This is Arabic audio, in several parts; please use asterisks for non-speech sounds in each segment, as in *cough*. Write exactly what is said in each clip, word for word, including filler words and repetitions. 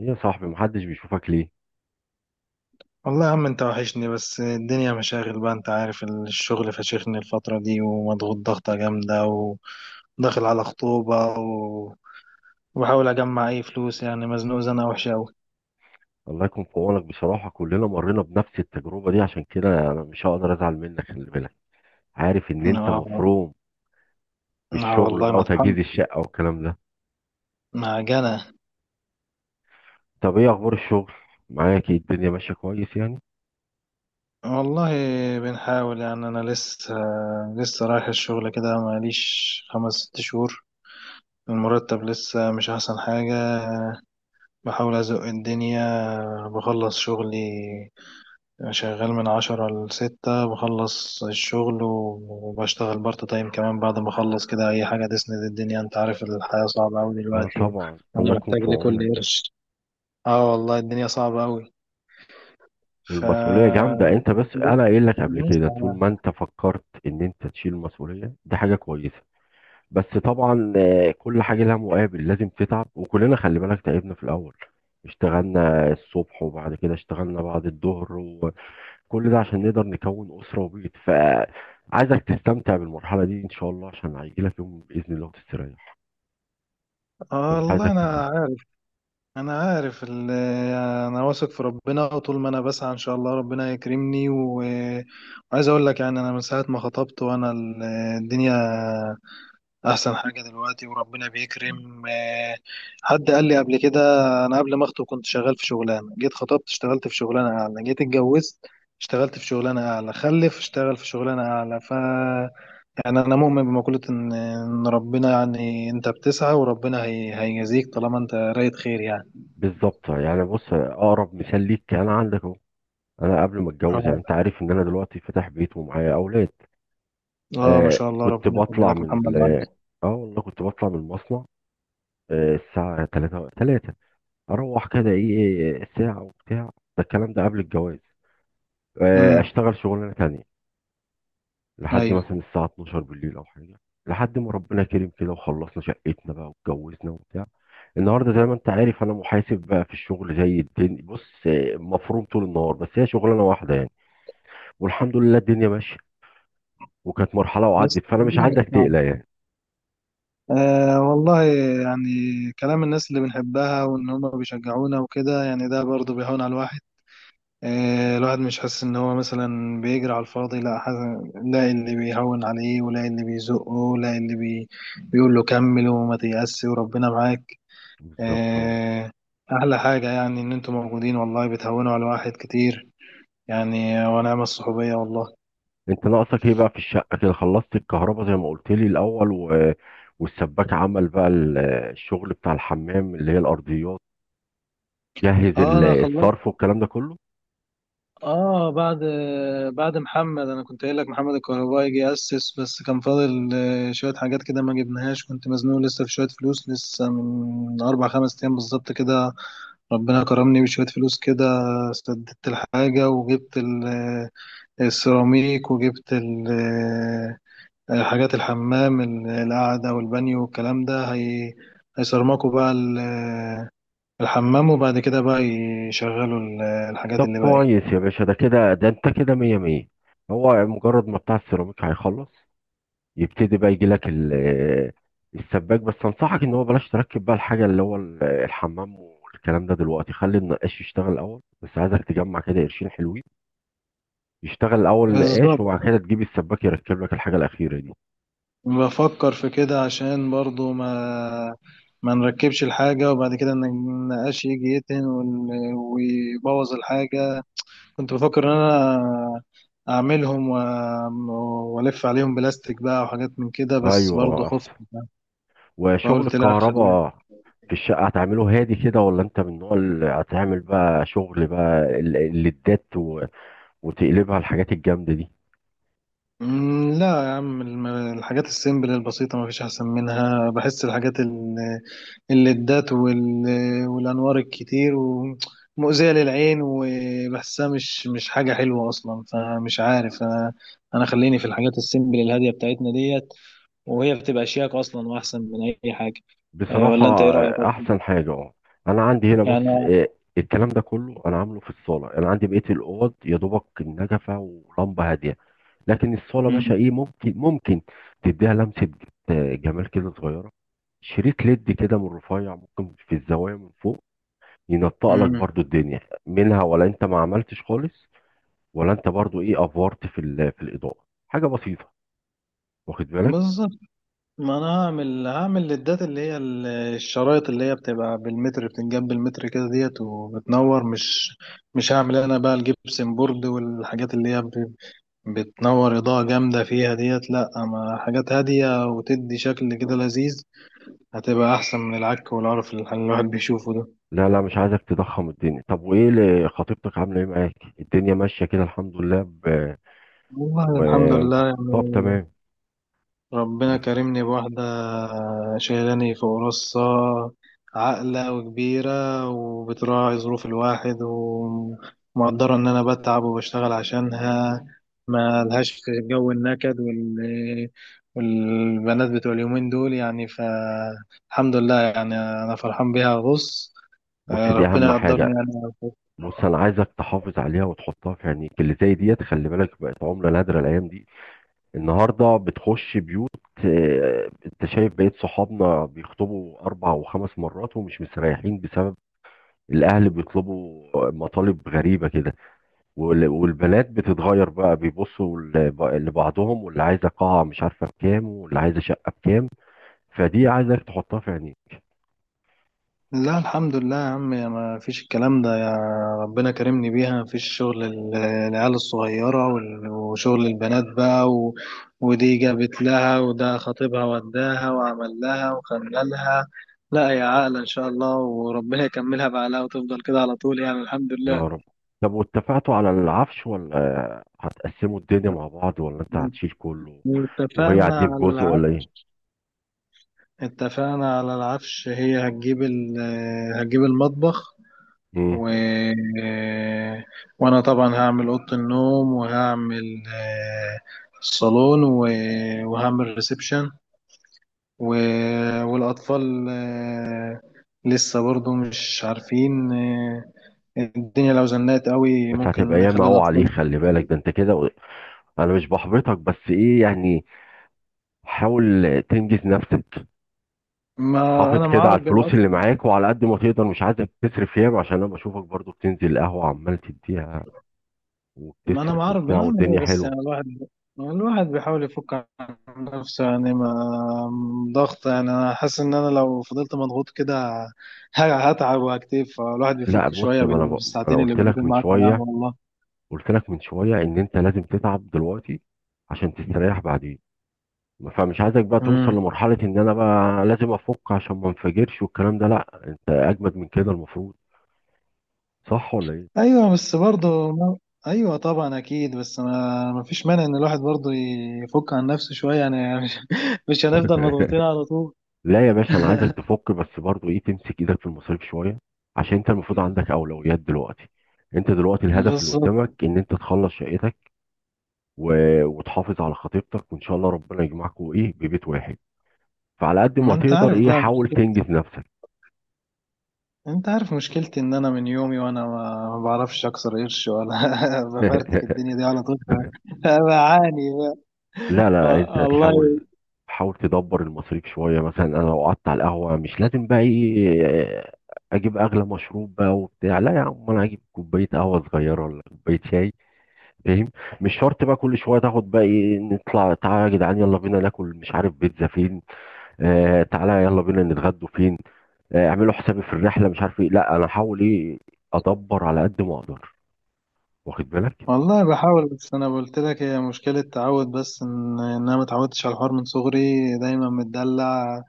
ايه يا صاحبي محدش بيشوفك ليه؟ والله يا عم، انت وحشني. بس الدنيا مشاغل بقى، انت عارف. الشغل فشخني الفترة دي، ومضغوط ضغطة جامدة، وداخل على خطوبة و- وبحاول اجمع اي فلوس. يعني مزنوق زنقة وحشة اوي. الله يكون في عونك بصراحة، كلنا مرينا بنفس التجربة دي، عشان كده انا مش هقدر ازعل منك. خلي بالك عارف ان انت اه. مفروم اه، بالشغل والله بقى مطحن، وتجهيز الشقة والكلام ده. معجنة. طب ايه اخبار الشغل؟ معاك ايه؟ الدنيا ماشية كويس يعني؟ والله بنحاول، يعني انا لسه لسه رايح الشغل كده، ماليش خمس ست شهور. المرتب لسه مش احسن حاجة، بحاول ازق الدنيا، بخلص شغلي. يعني شغال من عشرة لستة، بخلص الشغل وبشتغل بارت تايم كمان بعد ما أخلص كده، أي حاجة تسند الدنيا. أنت عارف، الحياة صعبة أوي اه دلوقتي، طبعا وأنا الله يكون محتاج في لكل عونك. قرش. اه والله الدنيا صعبة أوي. ف والمسؤولية جامدة انت، بس انا قايل لك قبل كده طول ما انت فكرت ان انت تشيل المسؤولية دي حاجة كويسة. بس طبعا آه، كل حاجة لها مقابل، لازم تتعب، وكلنا خلي بالك تعبنا في الأول. اشتغلنا الصبح وبعد كده اشتغلنا بعد الظهر، وكل ده عشان نقدر نكون أسرة وبيت. فعايزك تستمتع بالمرحلة دي إن شاء الله، عشان هيجيلك يوم بإذن الله وتستريح. آه فمش والله عايزك تزعل. أنا عارف. أنا عارف ال- أنا واثق في ربنا، وطول ما أنا بسعى إن شاء الله ربنا يكرمني. و... وعايز أقول لك يعني، أنا من ساعة ما خطبت وأنا ال- الدنيا احسن حاجه دلوقتي، وربنا بيكرم. آه، حد قال لي قبل كده، انا قبل ما اخطب كنت شغال في شغلانه، جيت خطبت اشتغلت في شغلانه اعلى، جيت اتجوزت اشتغلت في شغلانه اعلى، خلف اشتغل في شغلانه اعلى. ف يعني انا مؤمن بمقوله ان ان ربنا، يعني انت بتسعى وربنا هي... هيجازيك طالما انت رايت خير يعني. بالظبط يعني، بص أقرب مثال ليك أنا عندك أهو. أنا قبل ما أتجوز، يعني أنت اه. عارف إن أنا دلوقتي فاتح بيت ومعايا أولاد، اه، ما آه شاء الله، كنت ربنا يخلي بطلع لك من محمد ال علي. آه والله كنت بطلع من المصنع آه الساعة 3 3، اروح كده ايه ساعه وبتاع، ده الكلام ده قبل الجواز. آه، امم اشتغل شغلانه تانية لحد ايوه. مثلا الساعه اثنا عشر بالليل او حاجه، لحد ما ربنا كريم كده وخلصنا شقتنا بقى واتجوزنا وبتاع. النهارده زي ما انت عارف انا محاسب بقى في الشغل، زي الدنيا بص آه، مفروم طول النهار، بس هي شغلانه واحده يعني، والحمد لله الدنيا ماشيه. وكانت مرحله بس وعدت، فانا مش عايزك تقلق يعني. أه والله يعني، كلام الناس اللي بنحبها، وإن هما بيشجعونا وكده، يعني ده برضه بيهون على الواحد. أه، الواحد مش حاسس إن هو مثلا بيجري على الفاضي، لا حاسس، لا اللي بيهون عليه، ولا اللي بيزقه، لا اللي بي بيقول له كمل وما تيأس وربنا معاك. بالظبط. أه. أحلى حاجة يعني إن أنتوا موجودين، والله بتهونوا على الواحد كتير. يعني ونعم الصحوبية والله. انت ناقصك ايه بقى في الشقه؟ كده خلصت الكهرباء زي ما قلت لي الاول و... والسباك عمل بقى ال- الشغل بتاع الحمام اللي هي الارضيات، جهز اه ال- انا خلصت. الصرف والكلام ده كله؟ اه، بعد بعد محمد، انا كنت قايل لك محمد الكهربائي جه اسس، بس كان فاضل آه، شويه حاجات كده ما جبناهاش، كنت مزنوق لسه في شويه فلوس. لسه من اربع خمس ايام بالظبط كده ربنا كرمني بشويه فلوس كده، سددت الحاجه وجبت ال- آه، السيراميك، وجبت ال- آه، آه، حاجات الحمام، ال- القعده والبانيو والكلام ده. هي هيصرمكوا بقى ال- آه، الحمام، وبعد كده بقى يشغلوا ال- آه، الحاجات طب اللي باقي. كويس يا باشا، ده كده ده انت كده مية مية. هو مجرد ما بتاع السيراميك هيخلص يبتدي بقى يجي لك ال- السباك، بس انصحك ان هو بلاش تركب بقى الحاجه اللي هو ال- الحمام والكلام ده دلوقتي، خلي النقاش يشتغل الاول، بس عايزك تجمع كده قرشين حلوين. يشتغل الاول نقاش بالظبط، وبعد كده تجيب السباك يركب لك الحاجه الاخيره دي. بفكر في كده عشان برضو ما ما نركبش الحاجة، وبعد كده إن النقاش يجي يتهن وال- ويبوظ الحاجة. كنت بفكر إن أنا أعملهم و- وألف عليهم بلاستيك بقى، وحاجات من كده، بس برضو ايوه خفت احسن. وشغل فقلت لا خليها. الكهرباء في الشقه هتعمله هادي كده، ولا انت من النوع اللي هتعمل بقى شغل بقى ال- الليدات و وتقلبها الحاجات الجامده دي؟ مم، لا يا عم، الم- الحاجات السيمبل البسيطة مفيش أحسن منها. بحس الحاجات ال- الليدات وال- والأنوار الكتير ومؤذية للعين، وبحسها مش مش حاجة حلوة أصلا، فمش عارف. أنا أنا خليني في الحاجات السيمبل الهادية بتاعتنا ديت، وهي بتبقى شياك أصلا وأحسن من أي حاجة. أه، بصراحه ولا أنت إيه رأيك آه، أصلاً؟ احسن حاجه اه. انا عندي هنا بص، يعني. آه، الكلام ده كله انا عامله في الصاله، انا عندي بقيه الاوض يا دوبك النجفه ولمبه هاديه. لكن الصاله باشا مم. ايه، ممكن ممكن تديها لمسه، آه، جمال كده صغيره. شريط ليد كده من رفيع، ممكن في الزوايا من فوق ينطق لك مم. برضو الدنيا منها. ولا انت ما عملتش خالص؟ ولا انت برضو ايه افورت في ال في الاضاءه حاجه بسيطه، واخد بالك؟ بالظبط. ما انا هعمل هعمل للدات اللي هي ال- الشرايط، اللي هي بتبقى بالمتر، بتنجاب بالمتر كده ديت وبتنور. مش مش هعمل انا بقى الجبسن بورد والحاجات اللي هي بت- بتنور اضاءة جامدة فيها ديت، لا اما حاجات هادية وتدي شكل كده لذيذ، هتبقى احسن من العك والعرف اللي الواحد بيشوفه ده. لا لا، مش عايزك تضخم الدنيا. طب وايه اللي خطيبتك عامله ايه معاك؟ الدنيا ماشيه كده الحمد لله ب... والله و... الحمد لله طب يعني، تمام. ربنا رب- كرمني بواحدة شايلاني فوق راسها، عاقلة وكبيرة، وبتراعي ظروف الواحد، ومقدرة إن أنا بتعب وبشتغل عشانها. ما لهاش في جو النكد وال... والبنات بتوع اليومين دول. يعني فالحمد لله، يعني أنا فرحان بيها. بص، بص دي ربنا اهم حاجه. يقدرني أنا. بص انا عايزك تحافظ عليها وتحطها في عينيك، اللي زي ديت خلي بالك بقت عمله نادره الايام دي. النهارده بتخش بيوت، آه، انت شايف بقية صحابنا بيخطبوا اربع وخمس مرات ومش مستريحين بسبب الاهل بيطلبوا مطالب غريبه كده، وال والبنات بتتغير بقى، بيبصوا ل- لبعضهم، واللي عايزه قاعه مش عارفه بكام، واللي عايزه شقه بكام. فدي عايزك تحطها في عينيك. لا، الحمد لله يا عم، يا ما فيش الكلام ده يا. ربنا كرمني بيها، ما فيش شغل ال- العيال الصغيرة وال- وشغل البنات بقى. و... ودي جابت لها وده خطيبها وداها وعمل لها وخللها، لا يا عاقلة إن شاء الله، وربنا يكملها بعقلها وتفضل كده على طول يعني، الحمد لله. يا رب. طب واتفقتوا على العفش، ولا آه، هتقسموا الدنيا مع بعض، ولا انت هتشيل كله وهي اتفقنا هتجيب على جزء ولا ايه؟ العفش. اتفقنا على العفش، هي هتجيب ال... هتجيب المطبخ. مم. و... وانا طبعا هعمل اوضه النوم، وهعمل آه، الصالون. و... وهعمل ريسبشن. و... والاطفال آه، لسه برضو مش عارفين. آه، الدنيا لو زنقت قوي بس ممكن هتبقى ياما نخلي قوي الاطفال... عليه، خلي بالك ده انت كده. انا مش بحبطك بس ايه يعني، حاول تنجز نفسك. ما حافظ انا كده معار على الفلوس اللي معاك، وعلى قد ما تقدر مش عايزك تصرف ياما، عشان انا بشوفك برضو بتنزل القهوة عمال تديها ما انا ما وبتصرف اعرف وبتاع بنعمل ايه، والدنيا بس يعني حلوة. الواحد، الواحد بيحاول يفك عن نفسه. يعني ما ضغط يعني، انا حاسس ان انا لو فضلت مضغوط كده ه- هتعب وهكتف، فالواحد لا بيفك بص، شويه ما انا ب... بال- ما انا بالساعتين اللي قلت بيقعد لك من معاك على شوية، القهوه والله. قلت لك من شوية ان انت لازم تتعب دلوقتي عشان تستريح بعدين. فمش عايزك بقى توصل امم لمرحلة ان انا بقى لازم افك عشان ما انفجرش والكلام ده، لا انت اجمد من كده المفروض. صح ولا ايه؟ ايوه، بس برضه ما... ايوه طبعا اكيد، بس انا ما فيش مانع ان الواحد برضه يفك عن نفسه شويه يعني. *laughs* مش مش هنفضل مضغوطين *laughs* على طول. لا يا باشا انا عايزك *laughs* تفك، بس برضو ايه تمسك ايدك في المصاريف شويه، عشان انت المفروض عندك اولويات دلوقتي. انت دلوقتي الهدف اللي بالظبط. قدامك ان انت تخلص شقتك و... وتحافظ على خطيبتك، وان شاء الله ربنا يجمعكم ايه ببيت واحد. فعلى قد ما ما انت تقدر عارف ايه بقى، حاول تنجز نفسك. انت عارف مشكلتي، ان انا من يومي وانا ما ما بعرفش اكسر قرش، ولا *laughs* بفرتك الدنيا *laughs* دي على طول. ف- فبعاني بقى. لا و- لا، انت والله. تحاول، حاول تدبر المصاريف شويه. مثلا انا لو قعدت على القهوه مش لازم بقى ايه اجيب اغلى مشروب بقى وبتاع، لا يا عم انا اجيب كوبايه قهوه صغيره ولا كوبايه شاي، فاهم؟ مش شرط بقى كل شويه تاخد بقى ايه، نطلع تعالى يا جدعان يلا بينا ناكل مش عارف بيتزا فين، آه تعالى يلا بينا نتغدوا فين، آه اعملوا حسابي في الرحله مش عارف ايه. لا انا هحاول ايه ادبر على قد ما اقدر، واخد بالك؟ والله بحاول، بس انا قلت لك هي مشكلة تعود، بس ان ان انا ما اتعودتش على الحوار من صغري. دايما متدلع،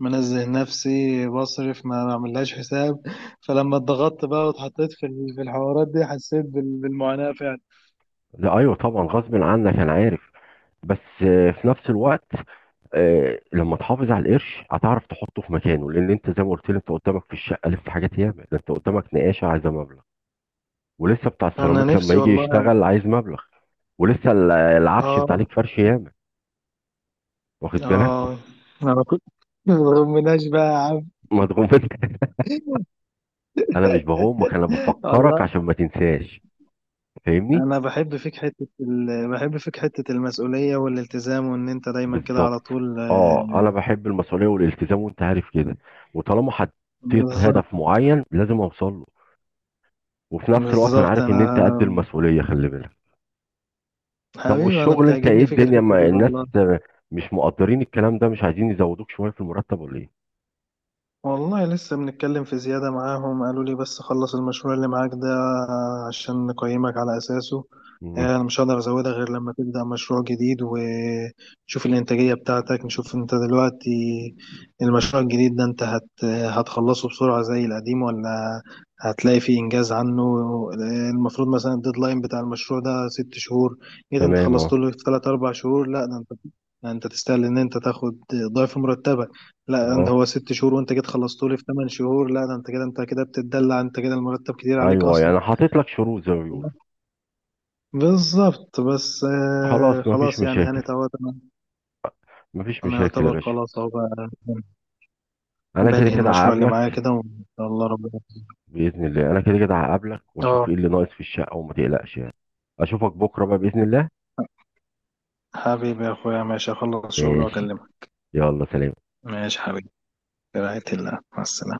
منزه نفسي بصرف، ما بعملهاش حساب. فلما اتضغطت بقى واتحطيت في ال- في الحوارات دي، حسيت بال- بالمعاناة فعلا. لا ايوه طبعا غصب عنك انا عارف، بس آه في نفس الوقت آه، لما تحافظ على القرش هتعرف تحطه في مكانه، لان انت زي ما قلت لي انت قدامك في الشقه لسه حاجات ياما، ده انت قدامك نقاشه عايزه مبلغ، ولسه بتاع انا السيراميك لما نفسي يجي والله. يشتغل عايز مبلغ، ولسه ال- العفش اه. انت عليك فرش ياما، واخد بالك؟ اه، انا كنت *laughs* ما بغمناش بقى يا عم. مضغوط انت. *laughs* انا مش بغمك، انا *laughs* بفكرك والله. عشان ما تنساش. فاهمني؟ انا بحب فيك حته ال... بحب فيك حته المسؤوليه والالتزام، وان انت دايما كده بالظبط. على طول. اه آه، انا بحب المسؤوليه والالتزام، وانت عارف كده. وطالما حطيت بالظبط، هدف معين لازم اوصل له. وفي نفس الوقت انا بالظبط. عارف ان انت انا قد المسؤوليه، خلي بالك. طب حبيبي، انا والشغل انت ايه؟ بتعجبني فيك الدنيا، الحته دي ما الناس والله. مش مقدرين الكلام ده؟ مش عايزين يزودوك شويه في المرتب ولا ايه؟ والله لسه بنتكلم في زيادة معاهم، قالوا لي بس خلص المشروع اللي معاك ده عشان نقيمك على أساسه. مم. آه، أنا مش هقدر أزودها غير لما تبدأ مشروع جديد، ونشوف الإنتاجية بتاعتك، نشوف أنت دلوقتي المشروع الجديد ده، أنت هت هتخلصه بسرعة زي القديم، ولا هتلاقي فيه إنجاز عنه. آه، المفروض مثلا الديدلاين بتاع المشروع ده ست شهور، جيت أنت تمام خلصته اه. له في تلات أربع شهور، لا ده أنت، ده أنت تستاهل إن أنت تاخد ضعف مرتبك. لا، ده اه. هو ست شهور وانت جيت خلصته لي في ثمان شهور، لا ده انت كده، انت كده بتتدلع، انت كده المرتب كتير عليك ايوه اصلا. يعني حاطط لك شروط زي ما بيقولوا. بالظبط، بس آه خلاص مفيش خلاص يعني مشاكل، هانت اهوت انا، مفيش انا مشاكل يا يعتبر باشا. خلاص اهو بقى، انا كده بنهي كده المشروع اللي هقابلك معايا كده وان شاء الله ربنا... باذن الله، انا كده كده هقابلك واشوف اه. ايه اللي ناقص في الشقه، وما تقلقش يعني. اشوفك بكره بقى باذن الله. حبيبي يا اخويا، ماشي اخلص شغل ماشي، واكلمك. يلا سلام. ماشي حبيبي، برعاية الله مع السلامة.